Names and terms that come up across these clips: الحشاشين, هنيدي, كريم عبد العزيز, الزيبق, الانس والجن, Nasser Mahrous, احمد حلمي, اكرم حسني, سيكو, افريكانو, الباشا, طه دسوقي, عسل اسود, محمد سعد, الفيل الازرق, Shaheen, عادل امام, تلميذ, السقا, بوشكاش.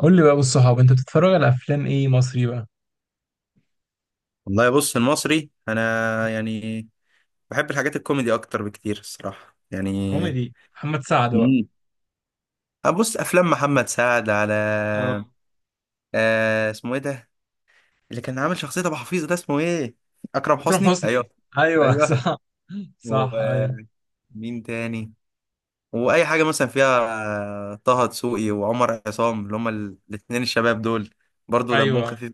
قول لي بقى بالصحاب انت بتتفرج على افلام ايه مصري بقى؟ والله بص المصري، انا يعني بحب الحاجات الكوميدي اكتر بكتير الصراحه يعني. كوميدي محمد سعد بقى. مم. ابص افلام محمد سعد على. اه. اسمه ايه ده اللي كان عامل شخصيه ابو حفيظ؟ ده اسمه ايه؟ اكرم اكرم حسني، حسني، ايوه. ايوه. ايوه، صح. صح، ايوه. ومين تاني؟ واي حاجه مثلا فيها. طه دسوقي وعمر عصام، اللي هما الاثنين الشباب دول برضو دمهم ايوه، خفيف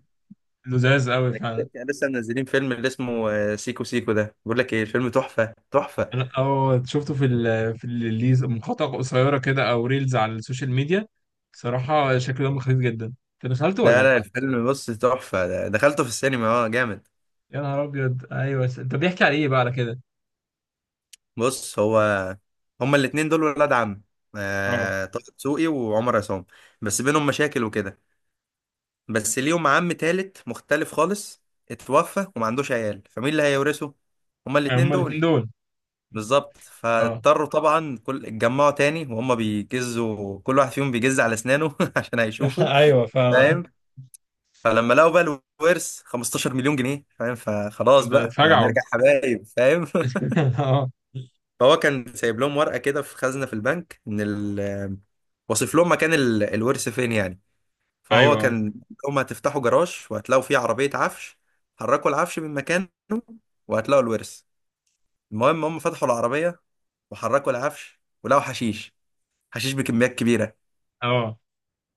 لذاذ قوي يعني. فعلا. كان لسه منزلين فيلم اللي اسمه سيكو سيكو ده، بقول لك ايه، الفيلم تحفه تحفه. انا اه شفته في ال في الريلز، مقاطع قصيره كده او ريلز على السوشيال ميديا. صراحه شكله دمه خفيف جدا، انت دخلته ولا لا ايه؟ لا الفيلم بص تحفة، دخلته في السينما، اه جامد. يا نهار ابيض، ايوه. انت بيحكي على ايه بقى على كده؟ بص هو هما الاتنين دول ولاد عم، اه، طه دسوقي وعمر عصام، بس بينهم مشاكل وكده. بس ليهم عم تالت مختلف خالص، اتوفى وما عندوش عيال، فمين اللي هيورثه؟ هما الاتنين هما الاثنين دول. دول. بالظبط اه فاضطروا طبعا كل اتجمعوا تاني، وهما بيجزوا كل واحد فيهم بيجز على اسنانه عشان هيشوفوا. ايوه فاهم. فاهم؟ فلما لقوا بقى الورث 15 مليون جنيه، فاهم، فخلاص ده بقى اتفجعوا. هنرجع حبايب، فاهم اه. فهو كان سايب لهم ورقة كده في خزنة في البنك، إن واصف لهم مكان الورث فين يعني. فهو ايوه. كان هم هتفتحوا جراج وهتلاقوا فيه عربية عفش، حركوا العفش من مكانه وهتلاقوا الورث. المهم هم فتحوا العربية وحركوا العفش، ولقوا حشيش، حشيش بكميات كبيرة. اه.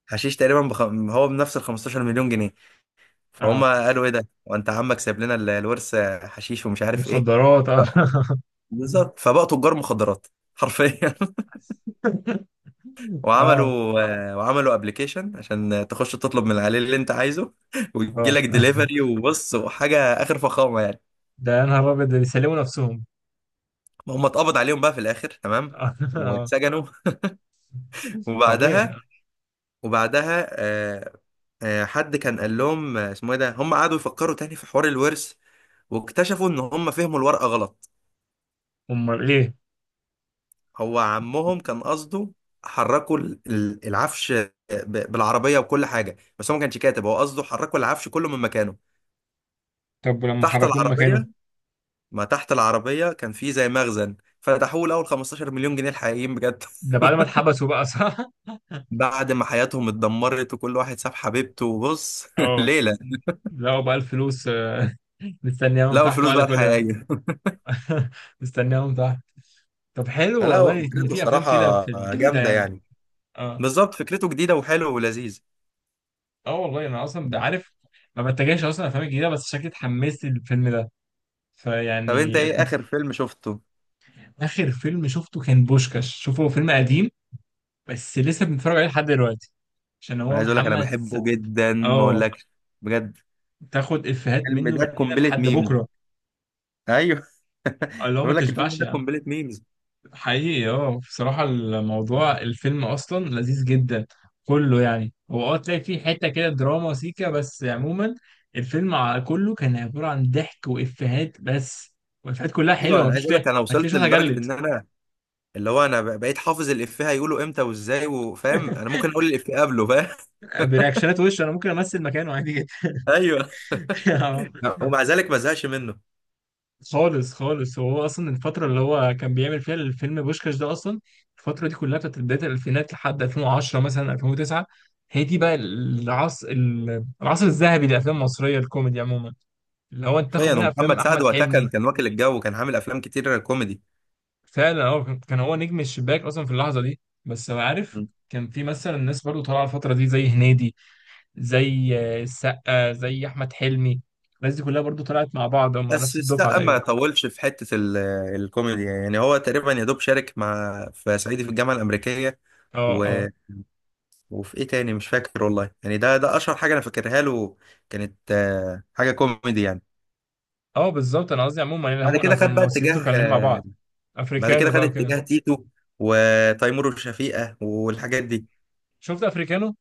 حشيش تقريبا هو بنفس ال 15 مليون جنيه. فهم اه، قالوا ايه ده، وانت عمك سايب لنا الورث حشيش ومش عارف ايه؟ مخدرات، اه. آه، بالظبط، فبقوا تجار مخدرات حرفيا. اه. وعملوا وعملوا ابلكيشن عشان تخش تطلب من عليه اللي انت عايزه ويجي اه، لك ديليفري وبص، وحاجه اخر فخامه يعني. ده يا نهار ابيض، ده بيسلموا نفسهم. هم اتقبض عليهم بقى في الاخر تمام، اه. واتسجنوا طبيعي وبعدها يعني. وبعدها حد كان قال لهم اسمه ايه ده، هم قعدوا يفكروا تاني في حوار الورث، واكتشفوا ان هم فهموا الورقه غلط. امال ايه. هو عمهم كان قصده حركوا العفش بالعربيه وكل حاجه، بس هو ما كانش كاتب. هو قصده حركوا العفش كله من مكانه. طب ولما تحت حركوه من مكانه؟ العربيه، ما تحت العربية كان في زي مخزن، فتحوه لأول 15 مليون جنيه الحقيقيين بجد ده بعد ما اتحبسوا بقى، صح؟ بعد ما حياتهم اتدمرت، وكل واحد ساب حبيبته وبص اه، ليلة. لقوا بقى الفلوس. مستنياهم لقوا تحت الفلوس بعد بقى كل ده. الحقيقية مستنياهم تحت. طب حلو فلا، هو والله ان فكرته في افلام كده الصراحة في الجديده جامدة يعني. يعني، اه. بالظبط، فكرته جديدة وحلوة ولذيذ. اه والله انا اصلا بعرف، ما بتجاهش اصلا الافلام الجديده، بس شكلي اتحمست للفيلم ده. طب انت فيعني ايه كنت. آخر فيلم شفته؟ آخر فيلم شفته كان بوشكاش، شوفه، هو فيلم قديم بس لسه بنتفرج عليه لحد دلوقتي عشان أنا هو عايز اقول لك انا محمد بحبه جدا ما اه، اقولكش، بجد تاخد إفيهات الفيلم منه من ده هنا قنبلة لحد ميم. بكرة. ايوه اللي هو ما بقول لك الفيلم تشبعش ده يعني. قنبلة ميمز. حقيقي، اه بصراحة الموضوع الفيلم أصلا لذيذ جدا كله. يعني هو اه تلاقي فيه حتة كده دراما سيكا، بس عموما الفيلم كله كان عبارة عن ضحك وإفيهات بس، والإفيهات كلها ايوه، حلوة، انا عايز مفيش اقول تلاقي. لك انا ما تلاقيش وصلت واحد لدرجة جلد. ان انا اللي هو انا بقيت حافظ الافيه هيقوله امتى وازاي، وفاهم انا ممكن اقول الافيه قبله، فاهم برياكشنات وش أنا ممكن أمثل مكانه عادي جدا. ايوه، اه. ومع ذلك ما زهقش منه. خالص خالص، هو اصلا الفتره اللي هو كان بيعمل فيها الفيلم بوشكاش ده، اصلا الفتره دي كلها بتاعت بدايه الالفينات لحد 2010 مثلا 2009، هي دي بقى العصر، العصر الذهبي للافلام المصريه الكوميدي عموما. اللي هو انت تاخد حرفيا، منها افلام ومحمد سعد احمد وقتها كان حلمي. كان واكل الجو، وكان عامل افلام كتير كوميدي. فعلا هو كان، كان هو نجم الشباك اصلا في اللحظه دي. بس أنا عارف كان في مثلا ناس برضو طالعه الفتره دي زي هنيدي، زي السقا، زي احمد حلمي. الناس دي كلها برضو طلعت مع بعض، هم بس نفس الدفعه السقا ما تقريبا. طولش في حته الكوميدي يعني، هو تقريبا يا دوب شارك مع في صعيدي في الجامعه الامريكيه اه. و... اه. وفي ايه تاني مش فاكر والله، يعني ده اشهر حاجه انا فاكرها له، كانت حاجه كوميدي يعني. اه بالظبط، انا قصدي عموما يعني بعد هم كده كانوا خد بقى الممثلين دول اتجاه كانوا لين مع آه، بعض. بعد كده افريكانو خد بقى وكده. اتجاه تيتو وتيمور وشفيقة والحاجات دي. شفت افريكانو.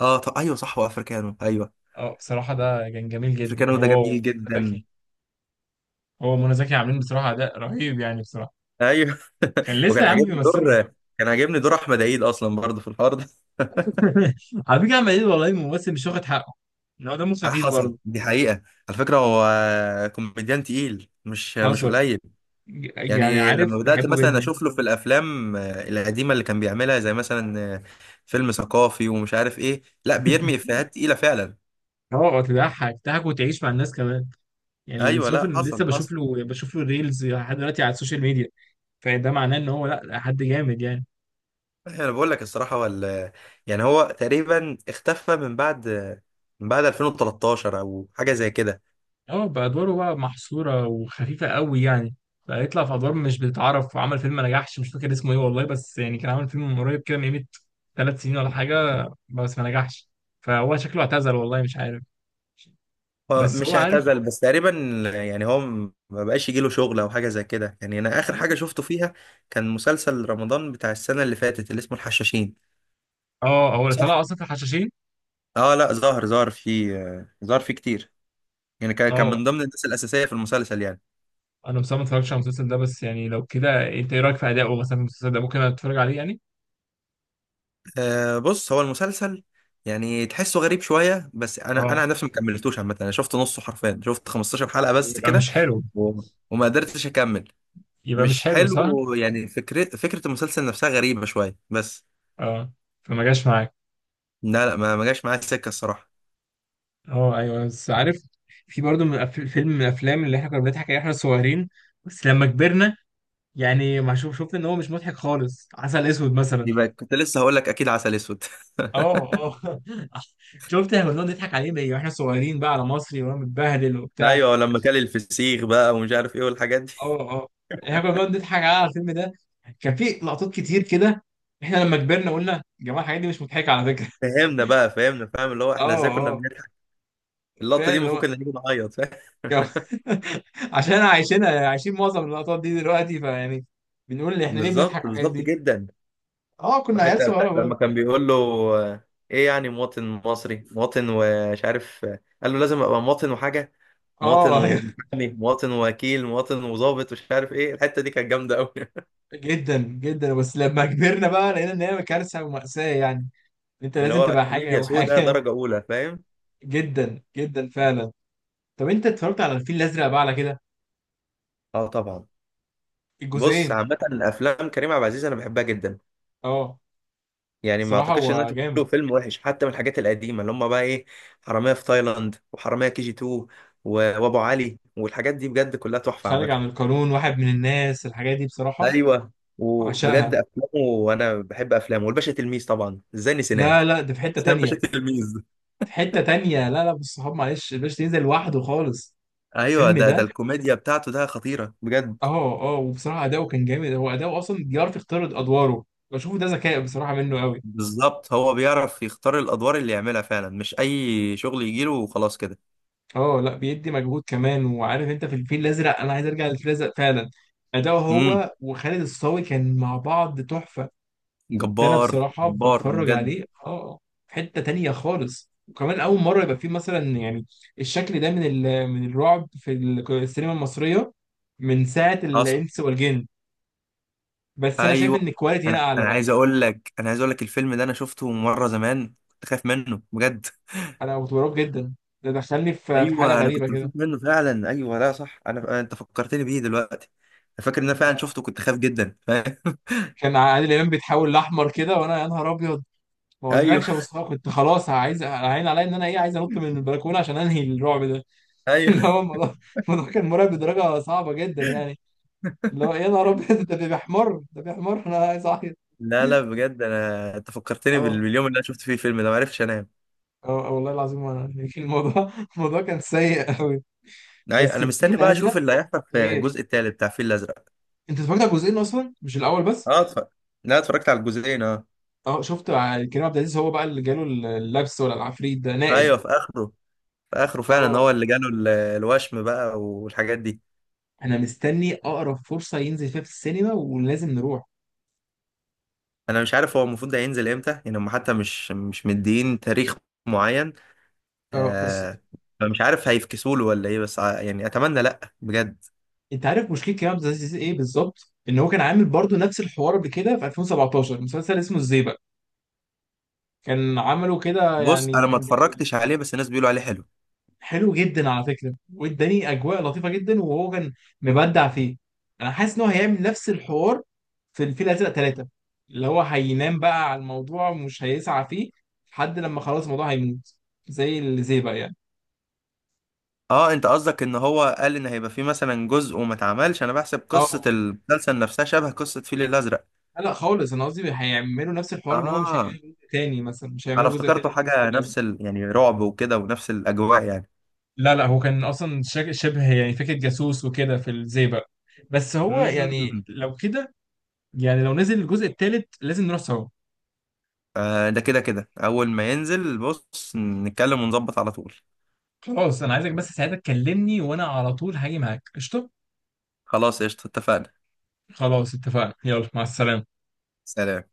اه طب ايوه صح، وافريكانو ايوه، اه بصراحه ده كان جميل جدا، افريكانو ده هو جميل ومنى جدا. زكي. هو ومنى زكي عاملين بصراحه اداء رهيب يعني بصراحه. ايوه كان لسه وكان يا عم عاجبني بيمثلوا. دور كان عاجبني دور احمد عيد اصلا برضه في الحوار ده على فكره عمال يقول والله الممثل مش واخد حقه، ان هو دمه خفيف حصل، برضه. دي حقيقة. على فكرة هو كوميديان تقيل، مش حصل. قليل. يعني يعني لما عارف بدأت بحبه مثلا جدا. اشوف له في الافلام القديمة اللي كان بيعملها، زي مثلا فيلم ثقافي ومش عارف ايه، لا بيرمي افيهات تقيلة فعلا. اه، تضحك تضحك وتعيش مع الناس كمان. يعني اللي ايوه، شوف لا إن لسه حصل بشوف حصل. له، بشوف له ريلز لحد دلوقتي على السوشيال ميديا. فده معناه ان هو لا، حد جامد يعني. انا بقول لك الصراحه، ولا يعني، هو تقريبا اختفى من بعد من بعد 2013، او حاجه زي كده. اه، بأدواره بقى محصورة وخفيفة قوي يعني. بقى يطلع في أدوار مش بتتعرف، وعمل فيلم ما نجحش، مش فاكر اسمه ايه والله، بس يعني كان عامل فيلم من قريب كده من قيمة 3 سنين ولا حاجة، بس ما نجحش. فهو شكله اعتزل والله مش عارف. هو بس هو مش عارف. اعتزل بس تقريبا، يعني هو ما بقاش يجيله شغل او حاجه زي كده يعني. انا اخر حاجه شفته فيها كان مسلسل رمضان بتاع السنه اللي فاتت، اللي اسمه الحشاشين. اه هو اللي طلع صح، أصلا في الحشاشين. اه لا ظهر فيه، ظهر فيه كتير. يعني كان اه، من ضمن الناس الاساسيه في المسلسل يعني. أنا بصراحة ما اتفرجتش على المسلسل ده، بس يعني لو كده أنت إيه رأيك في أدائه مثلا في المسلسل ده؟ ممكن أتفرج عليه يعني. بص هو المسلسل يعني تحسه غريب شويه، بس انا، اه، عن نفسي ما كملتوش عامه. انا شفت نصه حرفيا، شفت 15 حلقه بس يبقى كده، مش حلو. و- وما قدرتش اكمل. يبقى مش مش حلو، صح؟ حلو يعني، فكرة المسلسل نفسها غريبة شوية بس. اه. فما جاش معاك. لا لا، ما جاش معايا السكة الصراحة. اه ايوه، بس عارف في برضه من فيلم من الافلام اللي احنا كنا بنضحك عليه احنا صغيرين، بس لما كبرنا يعني ما شوف شفت ان هو مش مضحك خالص، عسل اسود مثلا. يبقى كنت لسه هقول لك اكيد عسل اسود اه اه. شفت، احنا كنا بنقعد نضحك عليه بقى واحنا صغيرين بقى على مصري وانا متبهدل وبتاع. ايوه، لما كان الفسيخ بقى ومش عارف ايه والحاجات دي. اه اه. احنا كنا بنقعد نضحك على الفيلم ده، كان في لقطات كتير كده. احنا لما كبرنا قلنا يا جماعه الحاجات دي مش مضحكه على فكره. فهمنا بقى فهمنا، فاهم اللي هو اه احنا ازاي كنا اه بنضحك. اللقطة دي المفروض فعلا. كنا نيجي نعيط، فاهم؟ كم- عشان عايشين، عايشين معظم اللقطات دي دلوقتي، فيعني بنقول احنا ليه بنضحك بالظبط، على الحاجات بالظبط دي. جدا. اه كنا عيال وحتى صغيره بتاعت لما برضه. كان بيقول له آه، ايه يعني مواطن مصري مواطن، ومش عارف، قال له لازم ابقى مواطن وحاجة. مواطن اه أيوة، ومحامي، مواطن ووكيل، مواطن وظابط، مش عارف ايه، الحته دي كانت جامده قوي جدا جدا، بس لما كبرنا بقى لقينا ان هي كارثه ومأساة يعني، انت اللي لازم هو تبقى حاجه كوميديا سودا وحاجه. درجه اولى، فاهم؟ جدا جدا فعلا. طب انت اتفرجت على الفيل الازرق بقى على كده؟ اه طبعا. بص الجزئين. عامه الافلام كريم عبد العزيز انا بحبها جدا، اه يعني ما بصراحه اعتقدش ان انا هو شفت له جامد. فيلم وحش، حتى من الحاجات القديمه اللي هم بقى ايه، حراميه في تايلاند، وحراميه كي جي 2 وابو علي والحاجات دي، بجد كلها تحفه خارج عن عامه. القانون، واحد من الناس، الحاجات دي بصراحه ايوه، وبجد عشقها. افلامه، وانا بحب افلامه، والباشا تلميذ طبعا ازاي نسيناه، لا لا، ده في حته نسينا تانية. الباشا تلميذ. في حتة تانية، لا لا، بالصحاب، معلش الباشا تنزل لوحده خالص. ايوه، الفيلم ده ده. الكوميديا بتاعته ده خطيره بجد. اه اه، وبصراحة أداؤه كان جامد، هو أداؤه أصلا بيعرف يختار أدواره. بشوفه ده ذكاء بصراحة منه قوي. بالظبط، هو بيعرف يختار الادوار اللي يعملها فعلا، مش اي شغل يجيله وخلاص كده. اه، لا بيدي مجهود كمان. وعارف أنت، في الفيل الأزرق، أنا عايز أرجع للفيل الأزرق فعلا، أداؤه امم هو وخالد الصاوي كان مع بعض تحفة. كنت انا جبار، بصراحه جبار بتفرج بجد. عليه، اه. في حته تانية خالص، وكمان اول مره يبقى فيه مثلا يعني الشكل ده من من الرعب في السينما المصريه، من ساعه حصل. الانس والجن. بس انا شايف ان ايوه، الكواليتي هنا انا اعلى انا بقى. عايز اقول لك، الفيلم ده انا شفته مره زمان، كنت خايف منه بجد. انا كنت مرعوب جدا، ده دخلني في في حاله ايوه، انا غريبه كنت كده. بخاف منه فعلا، ايوه لا صح، انت فكرتني بيه دلوقتي. انا فاكر ان انا فعلا شفته، كنت خايف جدا، فاهم كان عادل امام بيتحول لاحمر كده وانا يا نهار ابيض. ما ايوه اقولكش يا مصطفى، كنت خلاص عايز عين عليا، ان انا ايه، عايز انط من البلكونه عشان انهي الرعب ده. ايوه، اللي هو الموضوع، الموضوع كان مرعب بدرجه صعبه جدا يعني. اللي هو يا نهار ابيض، ده بيحمر ده بيحمر، انا عايز اعيط. لا لا بجد، انت فكرتني اه باليوم اللي انا شفت فيه الفيلم ده، ما عرفتش انام. اه، والله العظيم. وانا يعني الموضوع، الموضوع كان سيء قوي. ايوه، بس انا مستني الفيل بقى اشوف الازرق اللي هيحصل في غير. الجزء التالت بتاع الفيل الازرق. انت اتفرجت على جزئين اصلا مش الاول بس. اه اتفرج، لا اتفرجت على الجزئين اه. اه شفت، كريم عبد العزيز هو بقى اللي جاله اللبس ولا العفريت ده نائل. ايوه، في اخره، في اخره فعلا اه. هو اللي جاله الوشم بقى والحاجات دي. انا مستني اقرب فرصه ينزل فيها في السينما ولازم نروح. انا مش عارف هو المفروض ده ينزل امتى يعني، هم حتى مش مدين تاريخ معين. اه بس. آه فمش عارف هيفكسوا له ولا ايه، بس يعني اتمنى لا بجد. انت عارف مشكله كريم عبد العزيز ايه بالظبط، ان هو كان عامل برضو نفس الحوار قبل كده في 2017 مسلسل اسمه الزيبق. كان عمله كده بص يعني انا ما كان جميل. اتفرجتش عليه، بس الناس بيقولوا عليه حلو. حلو جدا على فكره، واداني اجواء لطيفه جدا، وهو كان مبدع فيه. انا حاسس ان هو هيعمل نفس الحوار في الفيل الازرق ثلاثه، اللي هو هينام بقى على الموضوع ومش هيسعى فيه لحد لما خلاص الموضوع هيموت، زي اللي زي بقى يعني. اه، انت قصدك ان هو قال ان هيبقى فيه مثلا جزء وما اتعملش؟ انا بحسب قصة اه. المسلسل نفسها شبه قصة فيل الازرق. لا خالص، انا قصدي هيعملوا نفس الحوار، ان هو مش هيعملوا اه، جزء تاني مثلا، مش انا هيعملوا جزء افتكرته تاني في الفيل حاجة الازرق. نفس يعني رعب وكده ونفس الاجواء يعني. لا لا، هو كان اصلا شبه يعني فكره جاسوس وكده في الزي بقى، بس هو يعني مم. لو كده. يعني لو نزل الجزء الثالث لازم نروح سوا. ده كده كده أول ما ينزل بص نتكلم ونظبط على طول. خلاص، انا عايزك بس ساعتها تكلمني وانا على طول هاجي معاك قشطه. خلاص قشطة اتفقنا. خلاص اتفقنا، يلا مع السلامه. سلام.